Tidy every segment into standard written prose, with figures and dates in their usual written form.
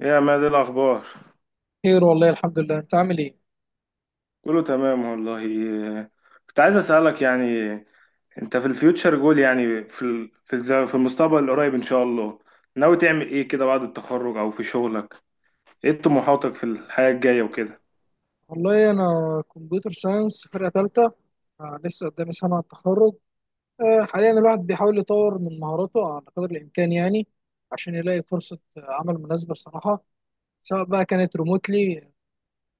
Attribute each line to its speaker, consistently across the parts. Speaker 1: إيه يا ما دي الأخبار؟
Speaker 2: خير والله الحمد لله، انت عامل ايه؟
Speaker 1: كله تمام والله. إيه، كنت عايز أسألك، يعني أنت في الفيوتشر جول، يعني في ال- في الز- في المستقبل القريب إن شاء الله، ناوي تعمل إيه كده بعد التخرج أو في شغلك؟ إيه طموحاتك في الحياة الجاية وكده؟
Speaker 2: والله انا كمبيوتر ساينس، فرقه ثالثه. لسه قدامي سنه على التخرج. حاليا الواحد بيحاول يطور من مهاراته على قدر الامكان يعني، عشان يلاقي فرصه عمل مناسبه الصراحه، سواء بقى كانت ريموتلي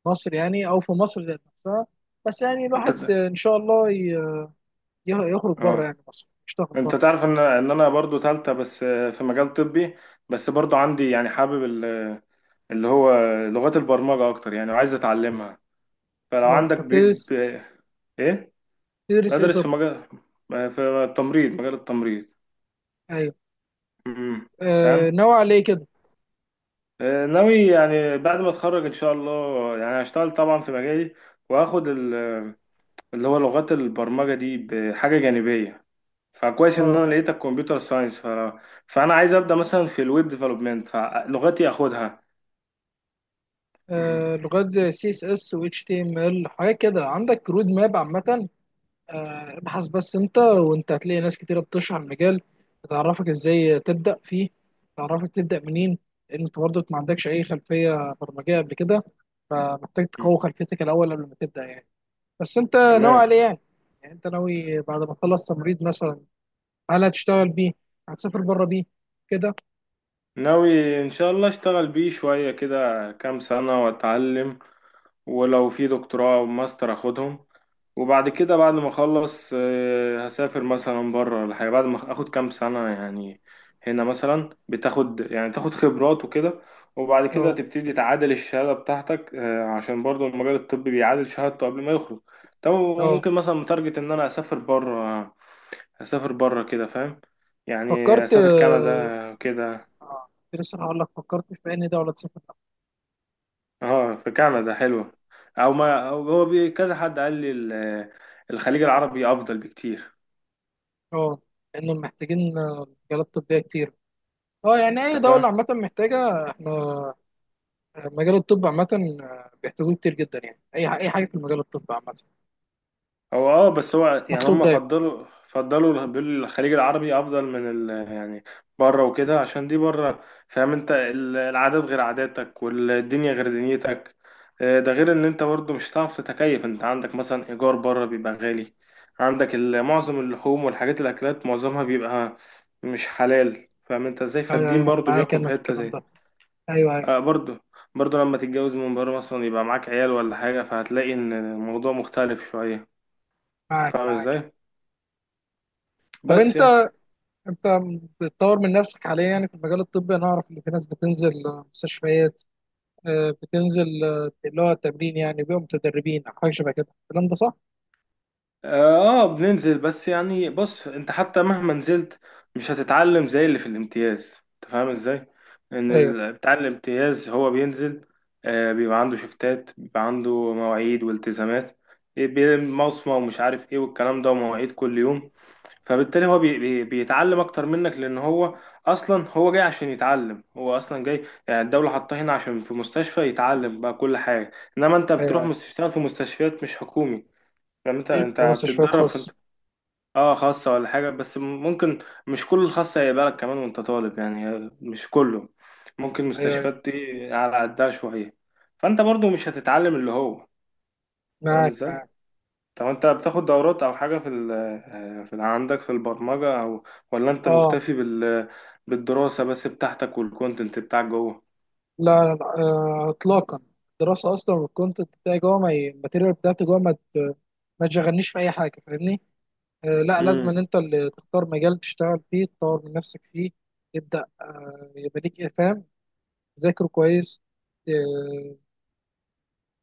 Speaker 2: مصر يعني او في مصر ذات نفسها. بس يعني
Speaker 1: أنت
Speaker 2: الواحد،
Speaker 1: ت-
Speaker 2: ان شاء الله يخرج بره
Speaker 1: آه،
Speaker 2: يعني مصر، يشتغل
Speaker 1: أنت
Speaker 2: بره يعني.
Speaker 1: تعرف إن أنا برضو تالتة بس، آه، في مجال طبي، بس برضو عندي يعني حابب ال- اللي هو لغات البرمجة أكتر يعني، وعايز أتعلمها. فلو
Speaker 2: اه
Speaker 1: عندك
Speaker 2: انت بتدرس،
Speaker 1: إيه،
Speaker 2: تدرس ايه
Speaker 1: بدرس في
Speaker 2: طب؟
Speaker 1: مجال، في التمريض مجال التمريض.
Speaker 2: ايوه.
Speaker 1: امم،
Speaker 2: آه،
Speaker 1: فاهم.
Speaker 2: ناوي على ايه كده؟
Speaker 1: آه، ناوي يعني بعد ما اتخرج ان شاء الله يعني هشتغل طبعا في مجالي، واخد ال- اللي هو لغات البرمجة دي بحاجة جانبية. فكويس ان
Speaker 2: آه.
Speaker 1: انا لقيت الكمبيوتر ساينس. فانا عايز ابدا مثلا في الويب ديفلوبمنت فلغتي اخدها.
Speaker 2: آه، لغات زي سي اس اس و اتش تي ام ال، حاجات كده. عندك رود ماب عامة؟ آه، ابحث بس انت وانت هتلاقي ناس كتيرة بتشرح المجال، تعرفك ازاي تبدأ فيه، تعرفك تبدأ منين. لان انت برضك ما عندكش اي خلفية برمجية قبل كده، فمحتاج تقوي خلفيتك الاول قبل ما تبدأ يعني. بس انت ناوي
Speaker 1: تمام.
Speaker 2: على ايه يعني؟ يعني انت ناوي بعد ما تخلص تمريض مثلا، هل هتشتغل بيه؟ هتسافر بره بيه؟ كده.
Speaker 1: ناوي ان شاء الله اشتغل بيه شوية كده كام سنة واتعلم، ولو في دكتوراه او ماستر اخدهم، وبعد كده بعد ما اخلص، آه، هسافر مثلا بره ولا حاجه بعد ما اخد كام سنه يعني. هنا مثلا بتاخد، يعني تاخد خبرات وكده، وبعد كده
Speaker 2: اه
Speaker 1: تبتدي تعادل الشهاده بتاعتك، آه، عشان برضو المجال الطبي بيعادل شهادته قبل ما يخرج. طب
Speaker 2: اه.
Speaker 1: وممكن مثلا متارجت ان انا اسافر بره، اسافر بره كده فاهم، يعني
Speaker 2: فكرت،
Speaker 1: اسافر كندا كده.
Speaker 2: كنت لسه هقول لك، فكرت في انهي دولة تسافر؟
Speaker 1: اه، في كندا حلوة، او ما أو هو بي كذا حد قال لي الخليج العربي افضل بكتير.
Speaker 2: اه. لانهم محتاجين مجالات طبيه كتير. اه يعني
Speaker 1: انت
Speaker 2: اي
Speaker 1: فاهم.
Speaker 2: دوله عامه محتاجه. احنا، مجال الطب عامه، بيحتاجوه كتير جدا يعني. اي اي حاجه في مجال الطب عامه
Speaker 1: هو اه بس هو يعني
Speaker 2: مطلوب
Speaker 1: هم
Speaker 2: دايما.
Speaker 1: فضلوا بيقولوا الخليج العربي افضل من ال يعني بره وكده، عشان دي بره فاهم انت، العادات غير عاداتك والدنيا غير دنيتك. آه، ده غير ان انت برضو مش هتعرف تتكيف، انت عندك مثلا ايجار بره بيبقى غالي، عندك معظم اللحوم والحاجات الاكلات معظمها بيبقى مش حلال، فاهم انت ازاي.
Speaker 2: ايوه
Speaker 1: فالدين
Speaker 2: ايوه،
Speaker 1: برضو
Speaker 2: معاك
Speaker 1: بيحكم في
Speaker 2: انا في
Speaker 1: حتة
Speaker 2: الكلام
Speaker 1: زي،
Speaker 2: ده. ايوه ايوه.
Speaker 1: آه، برضو. لما تتجوز من بره مثلا يبقى معاك عيال ولا حاجة، فهتلاقي إن الموضوع مختلف شوية.
Speaker 2: معاك
Speaker 1: فاهم
Speaker 2: معاك.
Speaker 1: إزاي؟
Speaker 2: طب
Speaker 1: بس
Speaker 2: انت،
Speaker 1: يعني،
Speaker 2: انت بتطور من نفسك حاليا يعني في المجال الطبي؟ انا اعرف ان في ناس بتنزل مستشفيات، بتنزل اللي هو التمرين يعني، بيبقوا متدربين او حاجه شبه كده. الكلام ده صح؟
Speaker 1: آه. بننزل، بس يعني بص، أنت حتى مهما نزلت مش هتتعلم زي اللي في الامتياز. أنت فاهم إزاي؟ إن
Speaker 2: ايوه
Speaker 1: بتاع الامتياز هو بينزل، آه، بيبقى عنده شفتات، بيبقى عنده مواعيد والتزامات، مصمة ومش عارف إيه والكلام ده، ومواعيد كل يوم. فبالتالي هو بي بي بيتعلم اكتر منك، لان هو اصلا هو جاي عشان يتعلم، هو اصلا جاي يعني الدولة حاطاه هنا عشان في مستشفى يتعلم بقى كل حاجة. انما انت
Speaker 2: ايوه
Speaker 1: بتروح
Speaker 2: ايوه.
Speaker 1: تشتغل في مستشفيات مش حكومي، يعني انت
Speaker 2: أيوة،
Speaker 1: انت
Speaker 2: مستشفيات
Speaker 1: بتتدرب في
Speaker 2: خاصه.
Speaker 1: انت. اه، خاصة ولا حاجة، بس ممكن مش كل الخاصة هيبقى لك كمان وانت طالب يعني، مش كله. ممكن
Speaker 2: ايوه ايوه.
Speaker 1: مستشفيات دي على قدها شوية، فانت برضو مش هتتعلم اللي هو، فاهم
Speaker 2: معاك
Speaker 1: ازاي.
Speaker 2: معاك.
Speaker 1: طب انت بتاخد دورات او حاجة في ال، آه، عندك في البرمجة او، ولا انت
Speaker 2: اه.
Speaker 1: مكتفي بال، بالدراسة بس بتاعتك والكونتنت بتاعك جوه؟
Speaker 2: لا لا لا، اطلاقا. الدراسه اصلا والكونتنت بتاعي جوه، ما ي- الماتيريال بتاعتي جوه ما تشغلنيش في اي حاجه، فاهمني؟ لا، لازم ان
Speaker 1: امم،
Speaker 2: انت اللي تختار مجال تشتغل فيه، تطور من نفسك فيه، تبدا، يبقى ليك افهام، تذاكره كويس، آه،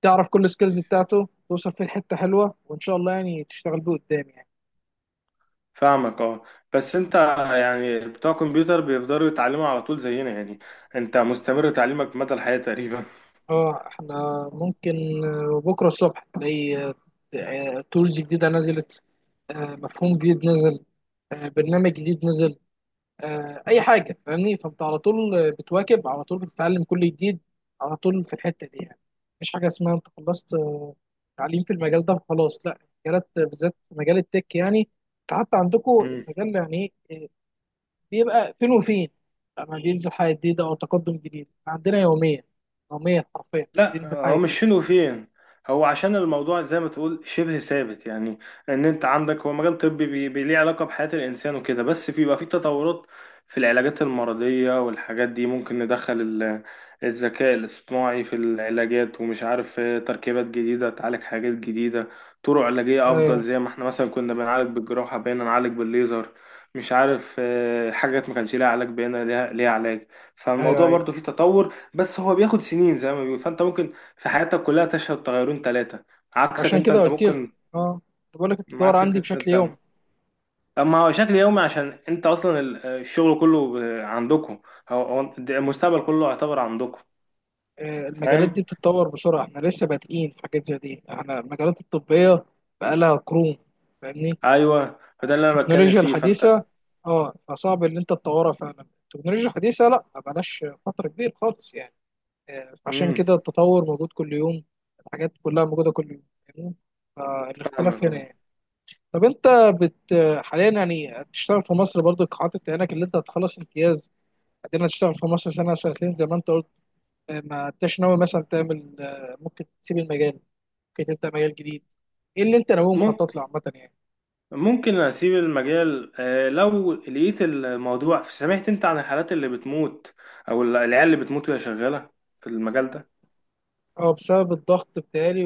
Speaker 2: تعرف كل السكيلز بتاعته، توصل فيه لحته حلوه وان شاء الله يعني تشتغل بيه قدام يعني.
Speaker 1: فاهمك. اه، بس انت يعني، بتوع كمبيوتر بيفضلوا يتعلموا على طول زينا يعني، انت مستمر تعليمك مدى الحياة تقريبا.
Speaker 2: اه احنا ممكن بكره الصبح تلاقي تولز جديده نزلت، مفهوم جديد نزل، برنامج جديد نزل، اي حاجه، فاهمني؟ فانت على طول بتواكب، على طول بتتعلم كل جديد، على طول في الحته دي يعني. مفيش حاجه اسمها انت خلصت تعليم في المجال ده خلاص، لا. المجالات بالذات مجال التك يعني، انت حتى عندكم المجال يعني إيه، بيبقى فين وفين لما بينزل حاجه جديده او تقدم جديد. عندنا يوميا، يوميا حرفيا
Speaker 1: لا،
Speaker 2: بينزل حاجه
Speaker 1: هو مش
Speaker 2: جديده.
Speaker 1: حلو فين وفين، هو عشان الموضوع زي ما تقول شبه ثابت يعني. ان انت عندك هو مجال طبي ليه علاقة بحياة الانسان وكده، بس في بقى في تطورات في العلاجات المرضية والحاجات دي، ممكن ندخل الذكاء الاصطناعي في العلاجات، ومش عارف، آه، تركيبات جديدة تعالج حاجات جديدة، طرق علاجية افضل.
Speaker 2: ايوه
Speaker 1: زي ما احنا مثلا كنا بنعالج بالجراحة بقينا نعالج بالليزر، مش عارف، آه، حاجات ما كانش ليها علاج بقينا ليها علاج.
Speaker 2: ايوه
Speaker 1: فالموضوع
Speaker 2: ايوه.
Speaker 1: برضو فيه تطور، بس هو بياخد سنين زي ما بيقول. فانت ممكن في حياتك كلها تشهد تغيرون ثلاثة، عكسك
Speaker 2: عشان
Speaker 1: انت
Speaker 2: كده
Speaker 1: انت
Speaker 2: قلت لك،
Speaker 1: ممكن،
Speaker 2: اه كنت بقول لك التطور
Speaker 1: عكسك
Speaker 2: عندي
Speaker 1: انت
Speaker 2: بشكل يومي.
Speaker 1: انت اما هو شكل يومي عشان انت اصلا الشغل كله ب- عندكم، هو المستقبل كله يعتبر عندكم.
Speaker 2: آه، المجالات
Speaker 1: فاهم.
Speaker 2: دي بتتطور بسرعة، احنا لسه بادئين في حاجات زي دي. احنا المجالات الطبية بقالها قرون، فاهمني؟
Speaker 1: ايوه، فده اللي انا بتكلم
Speaker 2: التكنولوجيا
Speaker 1: فيه فانت.
Speaker 2: الحديثة، اه، فصعب ان انت تطورها فعلا. التكنولوجيا الحديثة لا، ما بقالهاش فترة كبيرة خالص يعني. آه، فعشان
Speaker 1: امم،
Speaker 2: كده التطور موجود كل يوم، الحاجات كلها موجودة كل يوم، فاهمني؟
Speaker 1: فاهمك
Speaker 2: فالاختلاف هنا
Speaker 1: أهو.
Speaker 2: يعني. طب انت، بت حاليا يعني بتشتغل في مصر برضو حاطط عينك اللي انت هتخلص امتياز بعدين هتشتغل في مصر سنة أو سنتين زي ما انت، ما انتش ناوي مثلا تعمل، ممكن تسيب المجال، ممكن تبدا مجال جديد؟ ايه اللي انت ناوي
Speaker 1: مم-
Speaker 2: مخطط له عامه يعني؟
Speaker 1: ممكن اسيب المجال، آه، لو لقيت الموضوع. سمعت انت عن الحالات اللي بتموت او العيال اللي بتموت وهي شغالة في المجال ده؟
Speaker 2: اه بسبب الضغط بتاعي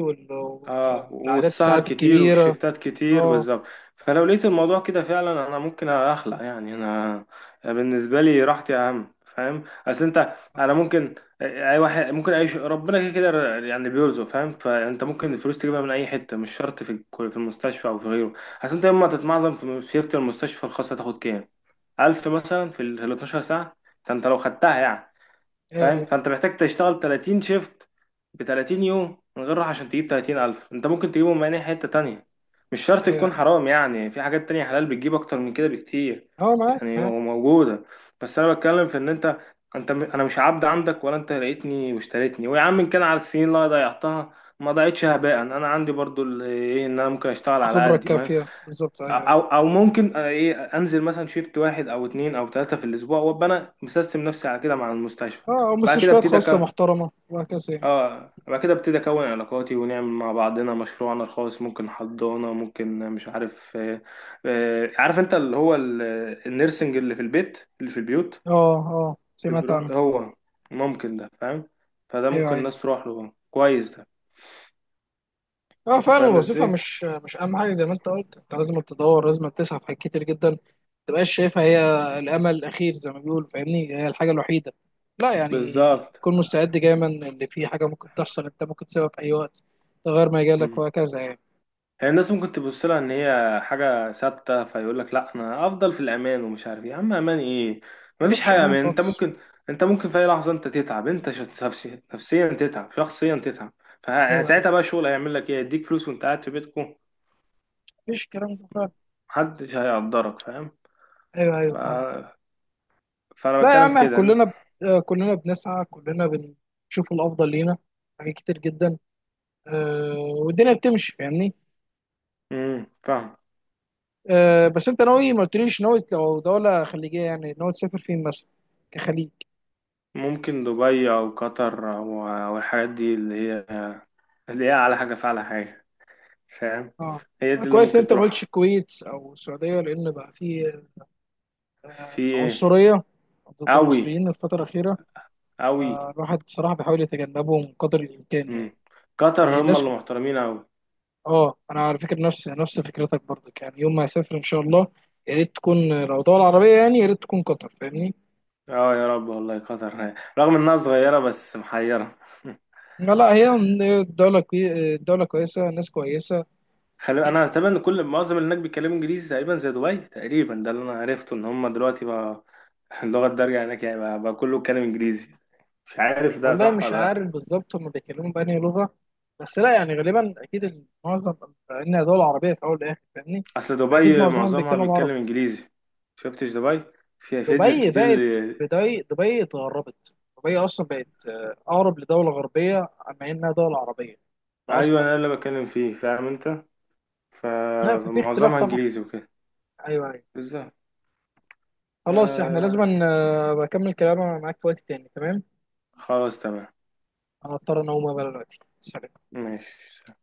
Speaker 1: اه،
Speaker 2: والعادات،
Speaker 1: والسهر
Speaker 2: الساعات
Speaker 1: كتير
Speaker 2: الكبيره.
Speaker 1: والشفتات كتير
Speaker 2: اه
Speaker 1: بالظبط. فلو لقيت الموضوع كده فعلا انا ممكن اخلع يعني. انا بالنسبه لي راحتي اهم، فاهم. اصل انت انا ممكن، اي واحد ممكن، اي ربنا كده كده يعني بيرزق فاهم. فانت ممكن الفلوس تجيبها من اي حته، مش شرط في في المستشفى او في غيره. اصل انت يوم ما تتمعظم في شيفت المستشفى الخاصه تاخد كام؟ 1000 مثلا في ال 12 ساعه، ده انت لو خدتها يعني.
Speaker 2: ايوه
Speaker 1: فاهم.
Speaker 2: ايوه.
Speaker 1: فانت محتاج تشتغل 30 شيفت ب 30 يوم من غير راحه عشان تجيب 30,000. انت ممكن تجيبهم من اي حته تانية، مش شرط
Speaker 2: ايوه
Speaker 1: تكون
Speaker 2: ايوه.
Speaker 1: حرام، يعني في حاجات تانية حلال بتجيب اكتر من كده بكتير،
Speaker 2: اه معاك
Speaker 1: يعني
Speaker 2: معاك.
Speaker 1: موجوده. بس انا بتكلم في ان انت، انا مش عبد عندك ولا انت لقيتني واشتريتني. ويا عم، ان كان على السنين اللي أنا ضيعتها، ما ضيعتش هباء، انا عندي برضو ايه، ان انا ممكن اشتغل على
Speaker 2: الخبره
Speaker 1: قدي،
Speaker 2: الكافيه بالظبط، ايوه ايوه.
Speaker 1: او او ممكن، آه، ايه، انزل مثلا شيفت واحد او اتنين او تلاتة في الاسبوع، وابقى انا مسيستم نفسي على كده مع المستشفى.
Speaker 2: اه أو
Speaker 1: بعد كده
Speaker 2: مستشفيات
Speaker 1: ابتدي
Speaker 2: خاصه
Speaker 1: اكون
Speaker 2: محترمه وهكذا يعني.
Speaker 1: اه، بعد كده ابتدي اكون علاقاتي ونعمل مع بعضنا مشروعنا الخاص. ممكن حضانة، ممكن مش عارف، آه، آه، عارف انت اللي هو النيرسنج اللي في البيت، اللي في البيوت
Speaker 2: اه اه،
Speaker 1: اللي
Speaker 2: سمعت
Speaker 1: بيروح
Speaker 2: عنها.
Speaker 1: هو، ممكن ده فاهم، فده
Speaker 2: ايوه
Speaker 1: ممكن
Speaker 2: ايوه.
Speaker 1: الناس تروح له، كويس ده.
Speaker 2: اه
Speaker 1: انت
Speaker 2: فعلا،
Speaker 1: فاهم
Speaker 2: الوظيفة
Speaker 1: ازاي؟
Speaker 2: مش مش أهم حاجة زي ما أنت قلت، أنت لازم تدور، لازم تسعى في حاجات كتير جدا، ما تبقاش شايفها هي الأمل الأخير زي ما بيقولوا، فاهمني؟ هي الحاجة الوحيدة، لا، يعني
Speaker 1: بالظبط.
Speaker 2: تكون مستعد دايما اللي في حاجة ممكن تحصل، أنت ممكن تسيبها في أي وقت، ده غير ما يجيلك وهكذا يعني،
Speaker 1: هي الناس ممكن تبص لها ان هي حاجه ثابته، فيقول لك لا انا افضل في الامان ومش عارف ايه. يا عم امان ايه،
Speaker 2: ما
Speaker 1: مفيش
Speaker 2: تبقاش
Speaker 1: حاجه
Speaker 2: أمان
Speaker 1: امان. انت
Speaker 2: خالص.
Speaker 1: ممكن، انت ممكن في اي لحظه انت تتعب، انت نفسيا، تتعب شخصيا، تتعب.
Speaker 2: أيوه أيوه،
Speaker 1: فساعتها بقى الشغل هيعمل لك ايه؟ يديك فلوس وانت قاعد في بيتكم؟
Speaker 2: مفيش الكلام ده فعلا.
Speaker 1: محدش هيقدرك فاهم.
Speaker 2: أيوه
Speaker 1: ف...
Speaker 2: أيوه معاك.
Speaker 1: فانا
Speaker 2: لا يا
Speaker 1: بتكلم في
Speaker 2: عم،
Speaker 1: كده.
Speaker 2: آه، كلنا بنسعى، كلنا بنشوف الأفضل لينا، حاجات كتير جدا، أه، والدنيا بتمشي، فاهمني.
Speaker 1: امم، فاهم.
Speaker 2: أه بس انت ناوي، ما قلتليش، ناوي لو دولة خليجية يعني ناوي تسافر فين مثلا كخليج؟
Speaker 1: ممكن دبي او قطر، او أو الحاجات دي اللي هي، اللي هي على حاجه فعلى حاجه، فاهم.
Speaker 2: اه.
Speaker 1: هي
Speaker 2: آه،
Speaker 1: دي اللي
Speaker 2: كويس ان
Speaker 1: ممكن
Speaker 2: انت ما قلتش
Speaker 1: تروح.
Speaker 2: الكويت او السعودية، لان بقى في
Speaker 1: في ايه؟
Speaker 2: عنصرية ضد
Speaker 1: قوي،
Speaker 2: المصريين الفترة الأخيرة.
Speaker 1: أوي.
Speaker 2: آه، الواحد صراحة بيحاول يتجنبهم قدر الإمكان
Speaker 1: مم.
Speaker 2: يعني.
Speaker 1: قطر
Speaker 2: يعني
Speaker 1: هم
Speaker 2: الناس،
Speaker 1: اللي محترمين أوي.
Speaker 2: اه انا على فكرة نفس فكرتك برضك يعني، يوم ما اسافر ان شاء الله يا ريت تكون لو دولة عربية، يعني يا ريت تكون قطر، فاهمني؟
Speaker 1: اه، يا رب والله. قطر رغم انها صغيرة بس محيرة.
Speaker 2: لا لا، هي الدولة الدولة كويسة، الناس كويسة.
Speaker 1: خلي انا تقريبا إن كل معظم اللي هناك بيتكلموا انجليزي تقريبا زي دبي تقريبا، ده اللي انا عرفته ان هم دلوقتي بقى، اللغة الدارجة هناك يعني بقى, بقى كله بيتكلم انجليزي. مش عارف ده
Speaker 2: والله
Speaker 1: صح
Speaker 2: مش
Speaker 1: ولا
Speaker 2: عارف
Speaker 1: لا.
Speaker 2: بالظبط هم بيتكلموا بأنهي لغة، بس لا يعني غالبا أكيد معظم، لأن دول عربية في أول والآخر، فاهمني؟
Speaker 1: اصل
Speaker 2: فأكيد
Speaker 1: دبي
Speaker 2: معظمهم
Speaker 1: معظمها
Speaker 2: بيتكلموا عربي.
Speaker 1: بيتكلم انجليزي. شفتش دبي؟ فيها فيديوز
Speaker 2: دبي
Speaker 1: كتير
Speaker 2: بقت
Speaker 1: اللي،
Speaker 2: دبي اتغربت، دبي أصلا بقت، أقرب لدولة غربية أما إنها دولة عربية ده
Speaker 1: ايوه،
Speaker 2: أصلا
Speaker 1: انا
Speaker 2: يعني.
Speaker 1: اللي بتكلم فيه فاهم انت. ف-
Speaker 2: لا ففي اختلاف
Speaker 1: فمعظمها
Speaker 2: طبعا.
Speaker 1: انجليزي وكده.
Speaker 2: أيوه أيوه.
Speaker 1: بالظبط.
Speaker 2: خلاص، إحنا
Speaker 1: آه،
Speaker 2: لازم بكمل كلام معاك في وقت تاني، تمام؟
Speaker 1: خلاص تمام.
Speaker 2: أنا أضطر أن أقوم بقى دلوقتي، سلام.
Speaker 1: ماشي.